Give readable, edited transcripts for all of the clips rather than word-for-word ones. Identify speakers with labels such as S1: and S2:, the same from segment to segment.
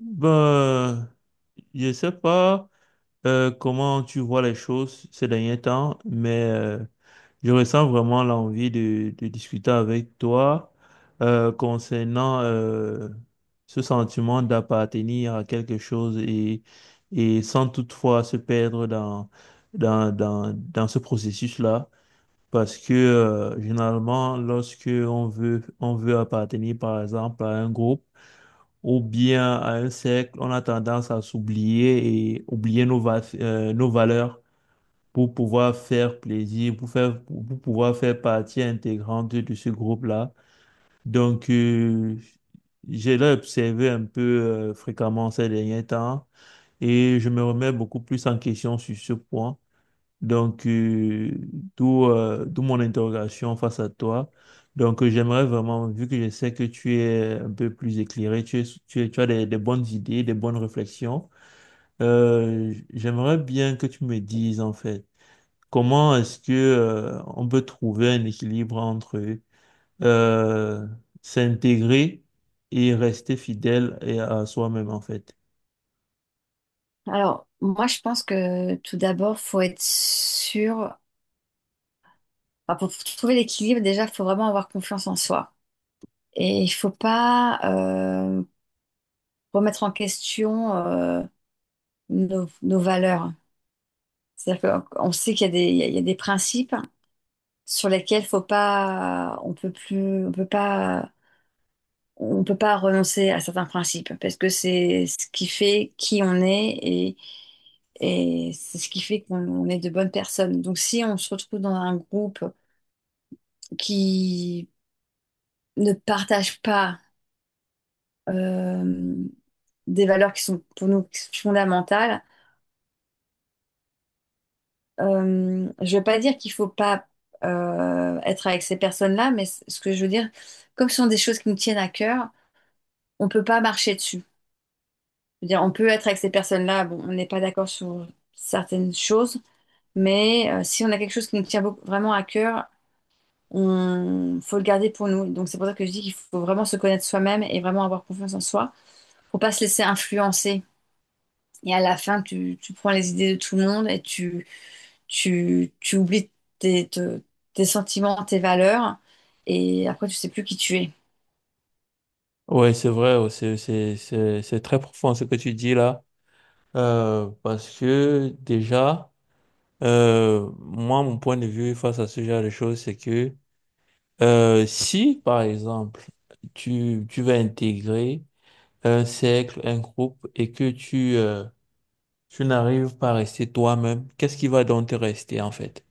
S1: Ben, je sais pas comment tu vois les choses ces derniers temps, mais je ressens vraiment l'envie de discuter avec toi concernant ce sentiment d'appartenir à quelque chose et sans toutefois se perdre dans ce processus-là. Parce que généralement, lorsque on veut appartenir, par exemple, à un groupe, ou bien à un cercle, on a tendance à s'oublier et oublier nos valeurs pour pouvoir faire plaisir, pour pouvoir faire partie intégrante de ce groupe-là. Donc, euh, j'ai l'ai observé un peu fréquemment ces derniers temps et je me remets beaucoup plus en question sur ce point. Donc, euh, d'où d'où mon interrogation face à toi. Donc, j'aimerais vraiment, vu que je sais que tu es un peu plus éclairé, tu as des bonnes idées, des bonnes réflexions, j'aimerais bien que tu me dises, en fait, comment est-ce que, on peut trouver un équilibre entre euh, s'intégrer et rester fidèle et à soi-même, en fait.
S2: Alors, moi, je pense que tout d'abord, faut être sûr. Enfin, pour trouver l'équilibre, déjà, faut vraiment avoir confiance en soi. Et il faut pas euh, remettre en question nos valeurs. C'est-à-dire qu'on sait qu'il y a il y a des principes sur lesquels faut pas, on peut plus, on peut pas renoncer à certains principes parce que c'est ce qui fait qui on est et c'est ce qui fait qu'on on est de bonnes personnes. Donc, si on se retrouve dans un groupe qui ne partagent pas euh, des valeurs qui sont pour nous fondamentales. Je ne veux pas dire qu'il ne faut pas être avec ces personnes-là, mais ce que je veux dire, comme ce sont des choses qui nous tiennent à cœur, on ne peut pas marcher dessus. Je veux dire, on peut être avec ces personnes-là, bon, on n'est pas d'accord sur certaines choses, mais si on a quelque chose qui nous tient vraiment à cœur, on faut le garder pour nous. Donc c'est pour ça que je dis qu'il faut vraiment se connaître soi-même et vraiment avoir confiance en soi, pour pas se laisser influencer. Et à la fin, tu prends les idées de tout le monde et tu oublies tes, te- tes sentiments, tes valeurs. Et après, tu sais plus qui tu es.
S1: Ouais, c'est vrai, c'est très profond ce que tu dis là. Parce que déjà, moi, mon point de vue face à ce genre de choses, c'est que si, par exemple, tu vas intégrer un cercle, un groupe, et que tu, tu n'arrives pas à rester toi-même, qu'est-ce qui va donc te rester en fait?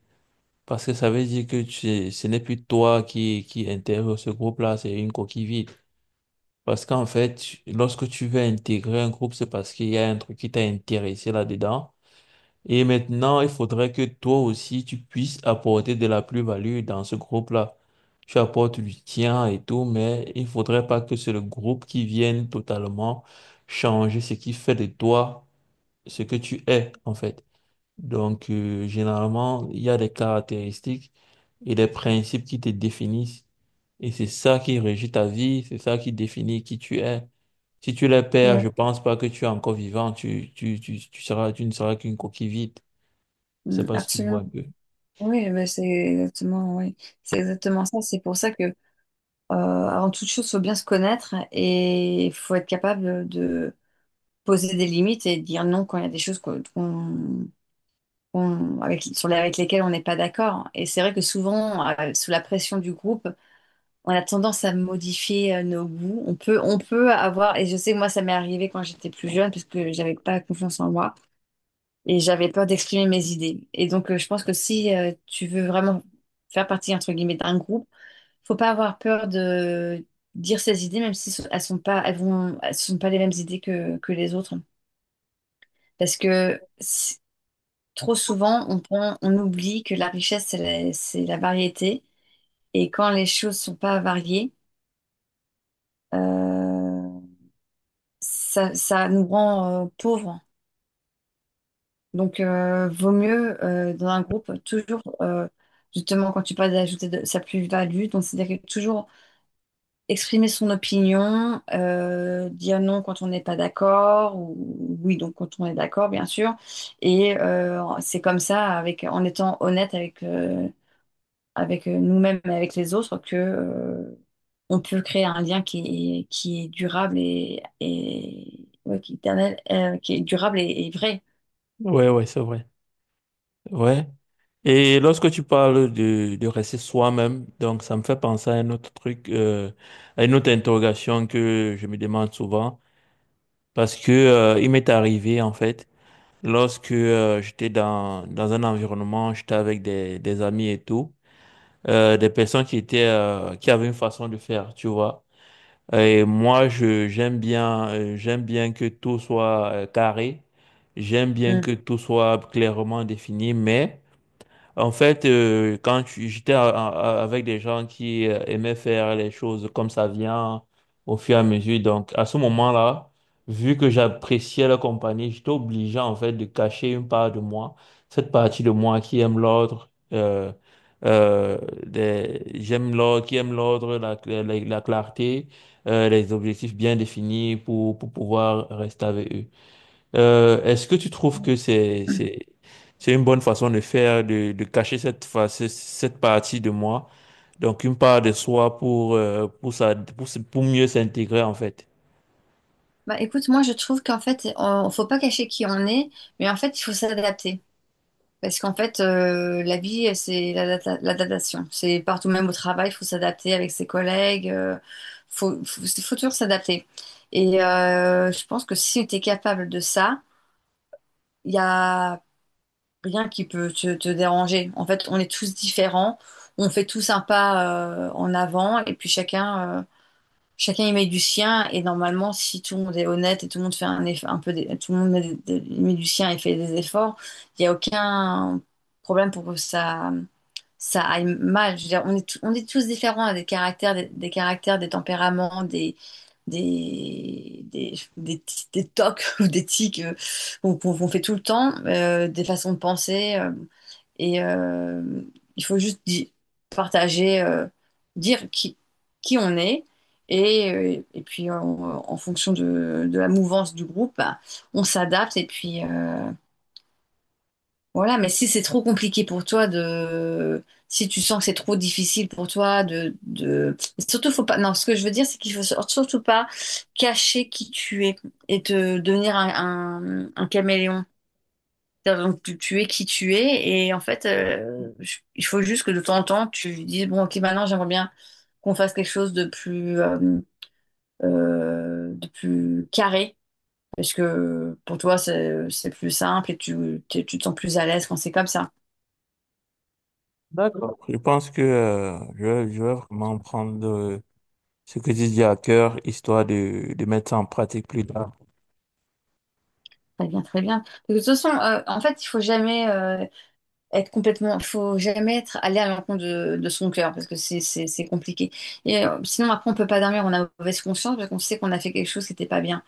S1: Parce que ça veut dire que tu, ce n'est plus toi qui intègre ce groupe-là, c'est une coquille vide. Parce qu'en fait, lorsque tu veux intégrer un groupe, c'est parce qu'il y a un truc qui t'a intéressé là-dedans. Et maintenant, il faudrait que toi aussi, tu puisses apporter de la plus-value dans ce groupe-là. Tu apportes du tien et tout, mais il faudrait pas que c'est le groupe qui vienne totalement changer ce qui fait de toi ce que tu es, en fait. Donc, généralement, il y a des caractéristiques et des principes qui te définissent. Et c'est ça qui régit ta vie, c'est ça qui définit qui tu es. Si tu les perds,
S2: Oui.
S1: je pense pas que tu es encore vivant, tu ne seras qu'une coquille vide. Je sais
S2: Mm,
S1: pas si tu me vois
S2: absolument.
S1: un peu.
S2: Oui, mais c'est exactement, oui. C'est exactement ça. C'est pour ça que, euh, avant toute chose, faut bien se connaître et il faut être capable de poser des limites et de dire non quand il y a des choses avec, sur avec lesquelles on n'est pas d'accord. Et c'est vrai que souvent, sous la pression du groupe, on a tendance à modifier nos goûts. On peut avoir, et je sais que moi, ça m'est arrivé quand j'étais plus jeune, parce que j'avais pas confiance en moi et j'avais peur d'exprimer mes idées. Et donc, je pense que si tu veux vraiment faire partie, entre guillemets, d'un groupe, faut pas avoir peur de dire ses idées, même si elles sont pas les mêmes idées que les autres. Parce que si- trop souvent, on oublie que la richesse, c'est c'est la variété. Et quand les choses sont pas variées, euh, ça nous rend pauvres. Donc, vaut mieux dans un groupe toujours, justement, quand tu parles sa plus-value, donc c'est-à-dire que toujours exprimer son opinion, dire non quand on n'est pas d'accord, ou oui, donc quand on est d'accord, bien sûr. Et c'est comme ça, avec, en étant honnête avec, avec nous-mêmes et avec les autres que on peut créer un lien qui est durable et ouais, qui est éternel, qui est durable et vrai.
S1: Ouais, ouais, c'est vrai. Ouais. Et lorsque tu parles de rester soi-même, donc ça me fait penser à un autre truc, à une autre interrogation que je me demande souvent, parce que il m'est arrivé en fait, lorsque dans un environnement, j'étais avec des amis et tout, des personnes qui étaient qui avaient une façon de faire, tu vois. Et moi, j'aime bien que tout soit carré. J'aime bien
S2: Mm.
S1: que tout soit clairement défini, mais en fait, j'étais avec des gens qui aimaient faire les choses comme ça vient au fur et à mesure, donc à ce moment-là, vu que j'appréciais leur compagnie, j'étais obligé en fait de cacher une part de moi, cette partie de moi qui aime l'ordre, euh, j'aime l'ordre, qui aime l'ordre, la clarté, les objectifs bien définis pour pouvoir rester avec eux. Est-ce que tu trouves que c'est une bonne façon de faire, de cacher cette face, cette partie de moi, donc une part de soi pour, pour, pour mieux s'intégrer en fait?
S2: Bah écoute, moi je trouve qu'en fait, faut pas cacher qui on est, mais en fait, il faut s'adapter. Parce qu'en fait, la vie, c'est l'adaptation. C'est partout, même au travail, il faut s'adapter avec ses collègues. Il faut toujours s'adapter. Et je pense que si tu es capable de ça, il y a rien qui peut te déranger. En fait, on est tous différents, on fait tous un pas en avant et puis chacun chacun y met du sien et normalement si tout le monde est honnête et tout le monde fait un eff- un peu des- tout le monde met du sien et fait des efforts, il n'y a aucun problème pour que ça aille mal. Je veux dire on est, on est tous différents, on a des caractères, des tempéraments, des tocs ou des tics, qu'on fait tout le temps, des façons de penser, et euh, il faut juste partager, dire qui on est. Et puis en fonction de la mouvance du groupe, bah, on s'adapte. Et puis voilà, mais si c'est trop compliqué pour toi de… Si tu sens que c'est trop difficile pour toi de… de… Surtout, faut pas… Non, ce que je veux dire, c'est qu'il faut surtout pas cacher qui tu es et te devenir un caméléon. C'est-à-dire, donc, tu es qui tu es et en fait, il faut juste que de temps en temps, tu dises, bon, ok, maintenant j'aimerais bien qu'on fasse quelque chose de plus carré, parce que pour toi, c'est plus simple et tu te sens plus à l'aise quand c'est comme ça.
S1: D'accord. Je pense que je vais vraiment prendre ce que tu dis à cœur, histoire de mettre ça en pratique plus tard.
S2: Très bien, très bien. De toute façon, en fait, il faut jamais être complètement, il faut jamais être aller à l'encontre de son cœur, parce que c'est compliqué. Et sinon, après, on peut pas dormir, on a mauvaise conscience, parce qu'on sait qu'on a fait quelque chose qui n'était pas bien.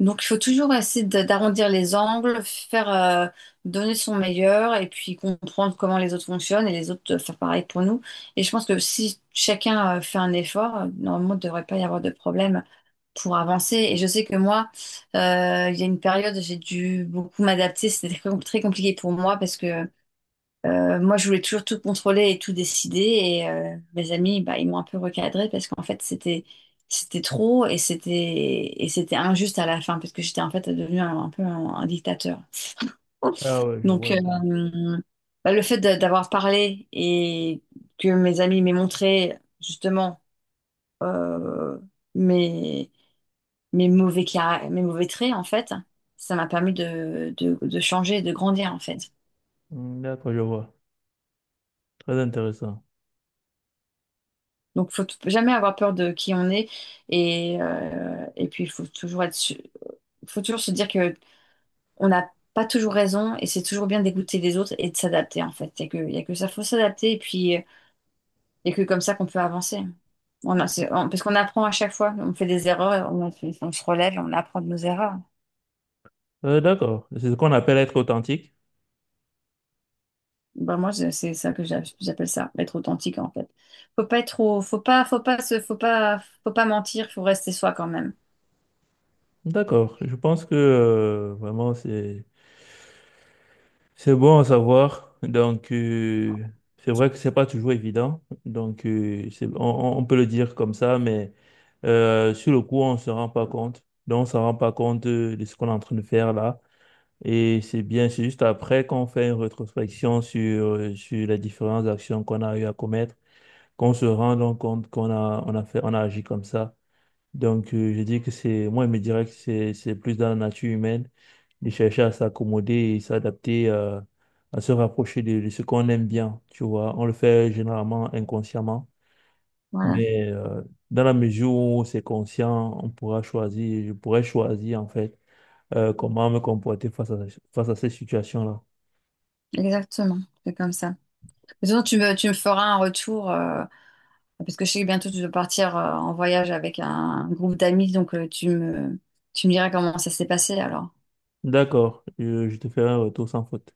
S2: Donc, il faut toujours essayer d'arrondir les angles, faire donner son meilleur et puis comprendre comment les autres fonctionnent et les autres faire pareil pour nous. Et je pense que si chacun fait un effort, normalement, il ne devrait pas y avoir de problème pour avancer. Et je sais que moi, il y a une période, j'ai dû beaucoup m'adapter. C'était très compliqué pour moi parce que moi, je voulais toujours tout contrôler et tout décider. Et mes amis, bah, ils m'ont un peu recadré parce qu'en fait, c'était trop et c'était injuste à la fin parce que j'étais en fait devenue un dictateur.
S1: Ah ouais, je
S2: Donc,
S1: vois un peu.
S2: bah, le fait d'avoir parlé et que mes amis m'aient montré justement euh, mes mes mauvais caractères, mes mauvais traits en fait, ça m'a permis de, de changer, de grandir en fait.
S1: Hmm, d'accord, je vois. Très intéressant.
S2: Donc, jamais avoir peur de qui on est. Et puis, il faut toujours faut toujours se dire que on n'a pas toujours raison et c'est toujours bien d'écouter les autres et de s'adapter, en fait. Il n'y a que, y a que ça, faut s'adapter et puis, y a que comme ça qu'on peut avancer. On a- c'est- on- parce qu'on apprend à chaque fois, on fait des erreurs, on se relève et on apprend de nos erreurs.
S1: D'accord, c'est ce qu'on appelle être authentique.
S2: Ben, moi, c'est ça j'appelle ça, être authentique, en fait. Faut pas être trop, faut pas se, faut pas mentir, faut rester soi quand même.
S1: D'accord, je pense que vraiment c'est bon à savoir. Donc, c'est vrai que c'est pas toujours évident. Donc, on peut le dire comme ça, mais sur le coup, on se rend pas compte. Donc, on se rend pas compte de ce qu'on est en train de faire là. Et c'est bien, c'est juste après qu'on fait une rétrospection sur, sur les différentes actions qu'on a eu à commettre, qu'on se rend donc compte on a agi comme ça. Donc, je dis que c'est, moi, je me dirais que c'est plus dans la nature humaine de chercher à s'accommoder et s'adapter, à se rapprocher de ce qu'on aime bien, tu vois. On le fait généralement inconsciemment,
S2: Voilà,
S1: mais dans la mesure où c'est conscient, on pourra choisir, je pourrais choisir, en fait, comment me comporter face à ces situations-là.
S2: exactement. C'est comme ça. De toute façon, tu me feras un retour, parce que je sais que bientôt tu dois partir en voyage avec un, groupe d'amis, donc tu me diras comment ça s'est passé alors.
S1: D'accord, je te ferai un retour sans faute.